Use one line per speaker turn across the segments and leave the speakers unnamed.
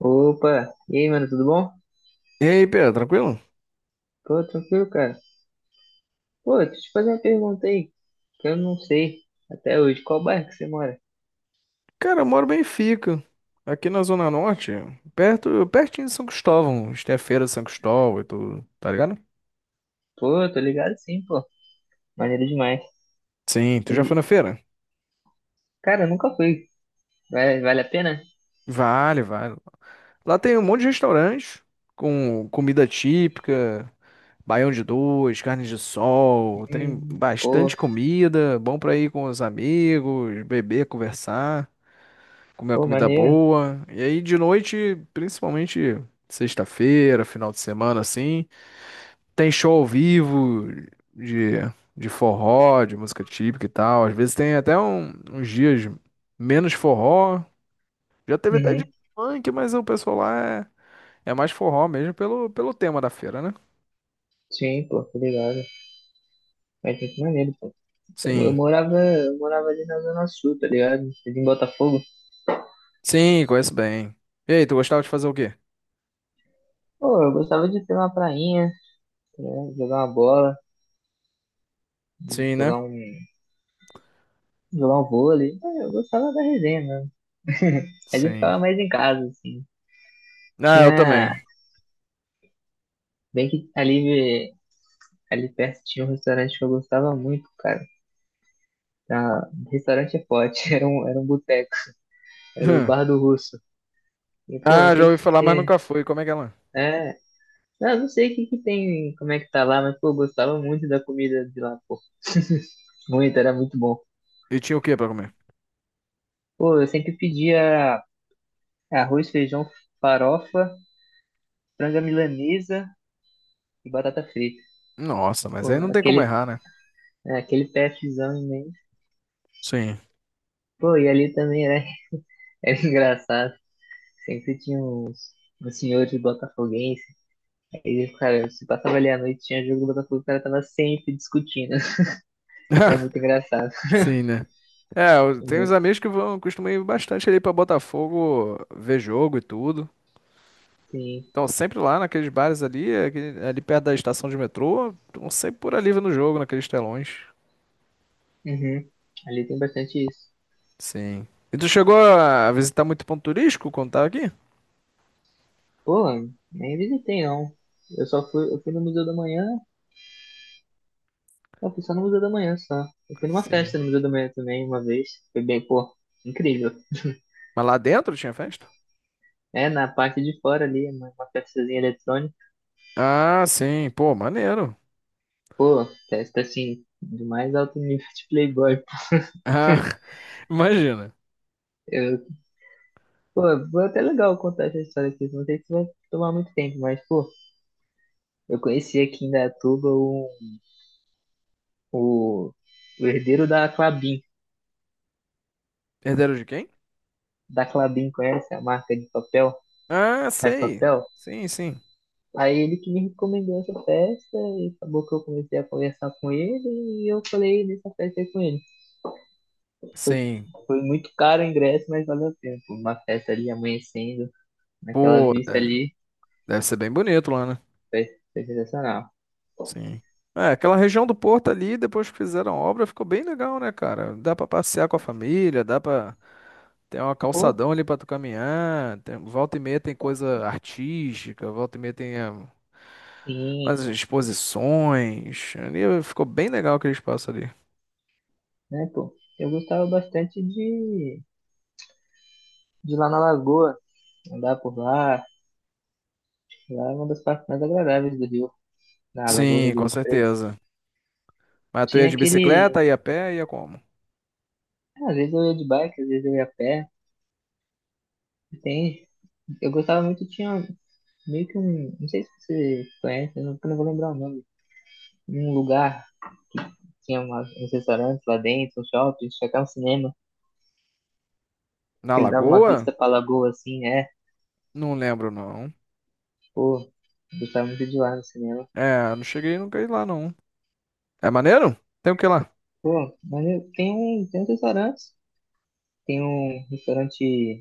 Opa, e aí, mano, tudo bom?
E aí, Pedro, tranquilo?
Tô tranquilo, cara. Pô, deixa eu te fazer uma pergunta aí, que eu não sei até hoje qual bairro que você mora.
Cara, eu moro bem Benfica, aqui na Zona Norte, perto, pertinho de São Cristóvão. A Tem a feira de São Cristóvão e tudo, tá ligado?
Pô, tô ligado, sim, pô. Maneiro demais.
Sim, tu já foi
Mas,
na feira?
Cara, eu nunca fui. Vale a pena?
Vale, vale. Lá tem um monte de restaurantes com comida típica, baião de dois, carne de sol, tem
Hum, pô,
bastante comida, bom pra ir com os amigos, beber, conversar, comer uma
pô,
comida
maneiro.
boa. E aí de noite, principalmente sexta-feira, final de semana assim, tem show ao vivo de, de forró, de música típica e tal. Às vezes tem até uns dias menos forró. Já teve até de
Uhum.
funk, mas o pessoal lá é mais forró mesmo pelo tema da feira, né?
Sim, pô, tô ligado. Mas muito maneiro, pô. Eu
Sim.
morava ali na Zona Sul, tá ligado? Ali em Botafogo.
Sim, conheço bem. E aí, tu gostava de fazer o quê?
Pô, eu gostava de ter uma prainha, né? Jogar uma bola,
Sim, né?
jogar um, jogar um vôlei. Ah, eu gostava da resenha, né? Mas eu
Sim.
ficava mais em casa, assim.
Ah, eu
Tinha.
também.
Bem que ali perto tinha um restaurante que eu gostava muito, cara. Ah, restaurante é forte, era um boteco, era o Bar do Russo. E, pô, não
Ah, já
sei o que
ouvi
que
falar, mas
tem.
nunca fui. Como é que é lá?
É. Não sei o que que tem, como é que tá lá, mas, pô, eu gostava muito da comida de lá, pô. Muito, era muito bom.
E tinha o quê pra comer?
Pô, eu sempre pedia arroz, feijão, farofa, franga milanesa e batata frita.
Nossa, mas
Pô,
aí não tem como
aquele,
errar, né?
aquele PFzão imenso.
Sim.
Pô, e ali também era, era engraçado. Sempre tinha uns senhores botafoguenses. Aí, cara, se passava ali à noite, tinha jogo do Botafogo, o cara tava sempre discutindo. Era muito engraçado.
Sim, né? É, tem
Uhum.
uns amigos que vão, costumam ir bastante ali pra Botafogo ver jogo e tudo.
Sim.
Estão sempre lá naqueles bares ali, ali perto da estação de metrô, estão sempre por ali vendo o jogo, naqueles telões.
Uhum. Ali tem bastante isso.
Sim. E tu chegou a visitar muito ponto turístico quando tava aqui?
Pô, nem visitei, não. Eu fui no Museu da Manhã, eu fui só no Museu da Manhã só. Eu fui numa festa
Sim.
no Museu da Manhã também, uma vez. Foi bem, pô, incrível.
Mas lá dentro tinha festa?
É, na parte de fora ali, uma festazinha eletrônica.
Ah, sim. Pô, maneiro.
Pô, festa assim, do mais alto nível de Playboy.
Ah, imagina.
Eu Pô, foi até legal contar essa história aqui. Não sei se vai tomar muito tempo, mas, pô, eu conheci aqui em Datuba o, o herdeiro da Clabin.
Herdeiro de quem?
Da Clabin, conhece a marca de papel?
Ah,
Faz
sei.
papel?
Sim, sim.
Aí ele que me recomendou essa festa e acabou que eu comecei a conversar com ele e eu falei nessa festa aí com ele.
Sim.
Foi muito caro o ingresso, mas valeu o tempo. Uma festa ali amanhecendo, naquela
Pô,
vista
de-
ali,
deve ser bem bonito lá, né?
foi, foi sensacional.
Sim. É, aquela região do Porto ali, depois que fizeram a obra, ficou bem legal, né, cara? Dá pra passear com a família, dá pra ter uma
Pô,
calçadão ali pra tu caminhar, tem- volta e meia tem coisa artística, volta e meia tem é, umas
sim,
exposições. Ali ficou bem legal aquele espaço ali.
né, pô? Eu gostava bastante de lá na Lagoa, andar por lá. Lá é uma das partes mais agradáveis do Rio, na Lagoa
Sim, com
Rodrigo de Freitas.
certeza. Mas tu ia
Tinha
de
aquele.
bicicleta, ia a pé, ia como?
Às vezes eu ia de bike, às vezes eu ia a pé. E Tem. Eu gostava muito, tinha meio que um. Não sei se você conhece, eu não vou lembrar o nome. Um lugar, tinha um restaurante lá dentro, um shopping, tinha até um cinema,
Na
que ele dava uma
Lagoa?
vista pra Lagoa assim, é.
Não lembro, não.
Pô, eu gostava muito de lá no cinema.
É, não cheguei, não ir lá, não. É maneiro? Tem o que lá?
Pô, mas tem uns restaurantes. Tem um restaurante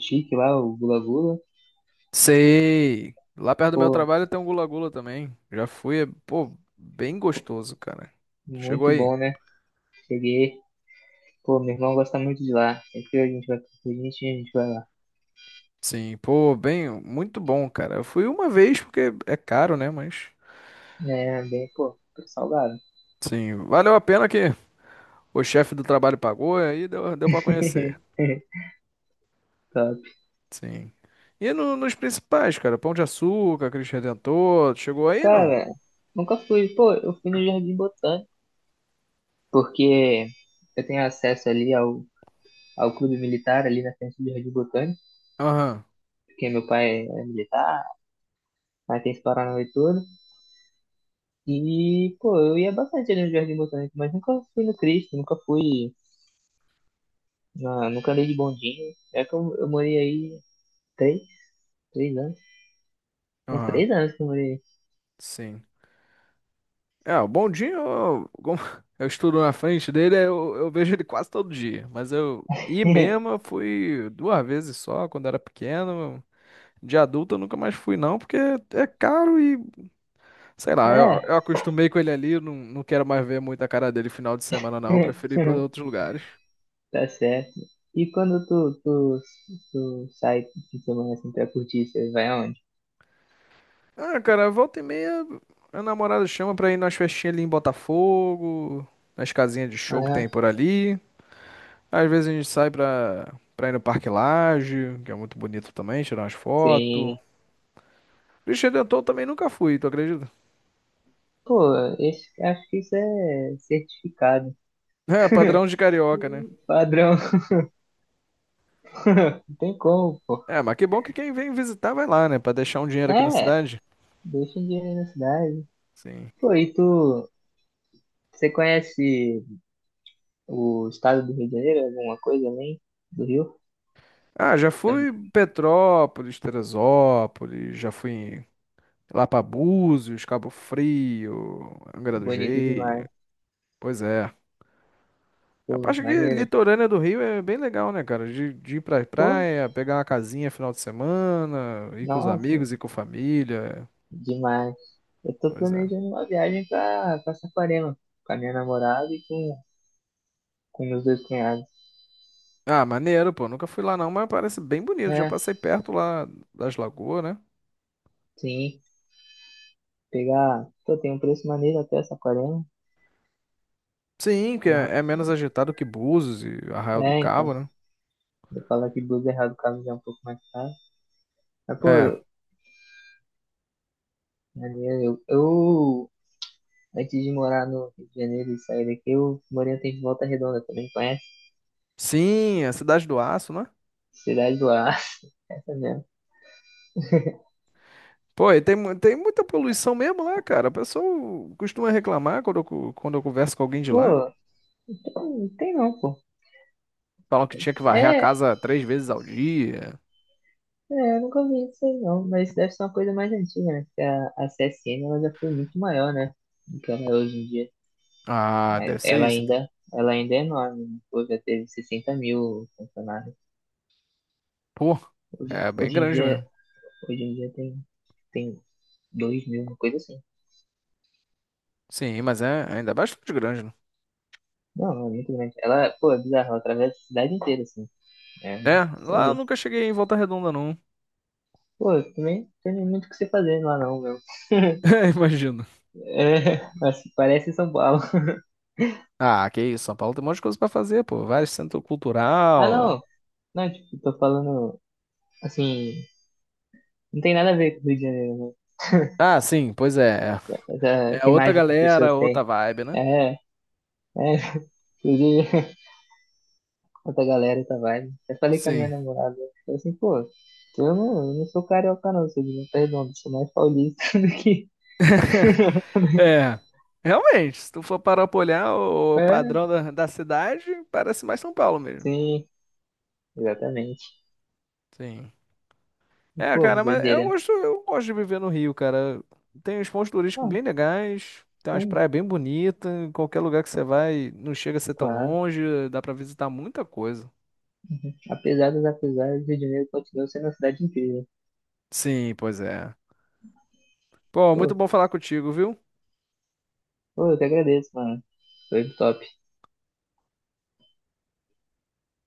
chique lá, o Gula Gula.
Sei. Lá perto do meu
Pô,
trabalho tem um gula-gula também. Já fui, é, pô, bem gostoso, cara. Chegou
muito
aí.
bom, né? Cheguei. Pô, meu irmão gosta muito de lá. Sempre que a gente vai com a gente vai lá.
Sim, pô, bem, muito bom, cara. Eu fui uma vez porque é caro, né? Mas,
É, bem, pô, tô salgado.
sim, valeu a pena que o chefe do trabalho pagou e aí deu, para conhecer.
Top.
Sim. E nos principais, cara, Pão de Açúcar, Cristo Redentor, chegou aí, não?
Cara, nunca fui. Pô, eu fui no Jardim Botânico, porque eu tenho acesso ali ao clube militar, ali na frente do Jardim Botânico,
Aham,
porque meu pai é militar, aí tem esse Paranauê todo. E, pô, eu ia bastante ali no Jardim Botânico, mas nunca fui no Cristo, nunca fui. Nunca andei de bondinho. É que eu morei aí três, 3 anos? São
aham,
3 anos que eu morei aí.
sim. É, o bondinho, eu- como eu estudo na frente dele, eu vejo ele quase todo dia. Mas eu ir mesmo, eu fui 2 vezes só, quando era pequeno. De adulto eu nunca mais fui, não, porque é caro e, sei lá, eu,
É,
acostumei com ele ali, eu não quero mais ver muito a cara dele final de semana, não. Eu prefiro ir pra outros lugares.
tá certo. E quando tu sai de semana assim pra curtir, você vai aonde?
Ah, cara, volta e meia, a namorada chama pra ir nas festinhas ali em Botafogo, nas casinhas de show que
Aham.
tem por ali. Às vezes a gente sai pra ir no Parque Lage, que é muito bonito também, tirar umas
Sim.
fotos. Cristo Redentor eu também nunca fui, tu acredita?
Pô, esse, acho que isso é certificado.
É, padrão de carioca, né?
Padrão. Não tem como, pô.
É, mas que bom que quem vem visitar vai lá, né? Pra deixar um dinheiro aqui na
É,
cidade.
deixa em dinheiro na cidade.
Sim.
Pô, e você conhece o estado do Rio de Janeiro? Alguma coisa além do Rio?
Ah, já
Tá
fui em Petrópolis, Teresópolis, já fui em- lá pra Búzios, Cabo Frio, Angra do
bonito
Reis.
demais.
Pois é. A
Pô,
parte que
maneiro.
litorânea do Rio é bem legal, né, cara? De ir pra
Pô,
praia, pegar uma casinha final de semana, ir com os
nossa,
amigos, ir com a família.
demais. Eu tô
Pois é.
planejando uma viagem pra Saquarema, com a minha namorada e com meus dois cunhados.
Ah, maneiro, pô. Nunca fui lá não, mas parece bem bonito. Já
É,
passei perto lá das lagoas, né?
sim. Pegar. Pô, tem um preço maneiro até Saquarema.
Sim, que
No-
é menos agitado que Búzios e Arraial do
É, então.
Cabo, né?
Eu falo que blusa errado, o caso já é um pouco mais caro. Mas,
É.
pô, maneiro. Eu, antes de morar no Rio de Janeiro e sair daqui, eu morei um tempo em Volta Redonda, também conhece?
Sim, é a Cidade do Aço, né?
Cidade do Aço. Essa mesmo.
Pô, e tem muita poluição mesmo lá, cara. O pessoal costuma reclamar quando quando eu converso com alguém de lá.
Pô, não tem não, pô.
Falam que tinha que varrer a
É,
casa 3 vezes ao dia.
É, eu nunca vi isso aí não, mas deve ser uma coisa mais antiga, né? Porque a CSN ela já foi muito maior, né? Do que ela é hoje em dia.
Ah,
Mas
deve ser
Ela
isso, então.
ainda, ela ainda é enorme, né? Pô, já teve 60 mil funcionários.
Pô,
Hoje,
é bem
hoje em
grande
dia,
mesmo.
hoje em dia tem 2 mil, uma coisa assim.
Sim, mas ainda é bastante grande, né?
Não, não, é muito grande. Ela, pô, é bizarro, ela atravessa a cidade inteira, assim. É,
É, lá eu
sabe?
nunca cheguei em Volta Redonda, não.
Pô, também não tem muito o que você fazer lá não, meu.
É, imagino.
É, mas parece São Paulo.
Ah, que isso, São Paulo tem um monte de coisa pra fazer, pô. Vários centro
Ah,
cultural.
não! Não, tipo, tô falando assim. Não tem nada a ver com o Rio de Janeiro, né?
Ah, sim, pois é.
Essa,
É
essa
outra
imagem que as pessoas
galera, outra
têm.
vibe, né?
É, é. Inclusive, outra galera, tá vai. Eu falei com a minha
Sim.
namorada. Eu falei assim, pô, eu não sou carioca, não, sou de Volta Redonda, sou mais paulista do que.
É. Realmente, se tu for parar pra olhar o
É,
padrão da cidade, parece mais São Paulo mesmo.
sim, exatamente.
Sim. É,
Pô,
cara, mas eu
doideira.
gosto, eu gosto de viver no Rio, cara. Tem uns pontos turísticos
Ah,
bem legais, tem umas
sim,
praias bem bonitas, em qualquer lugar que você vai, não chega a ser tão
claro.
longe, dá pra visitar muita coisa.
Apesar dos apesares, o Rio de Janeiro continua sendo uma cidade incrível.
Sim, pois é. Pô, muito
Pô,
bom falar contigo, viu?
pô, eu que agradeço, mano. Foi top.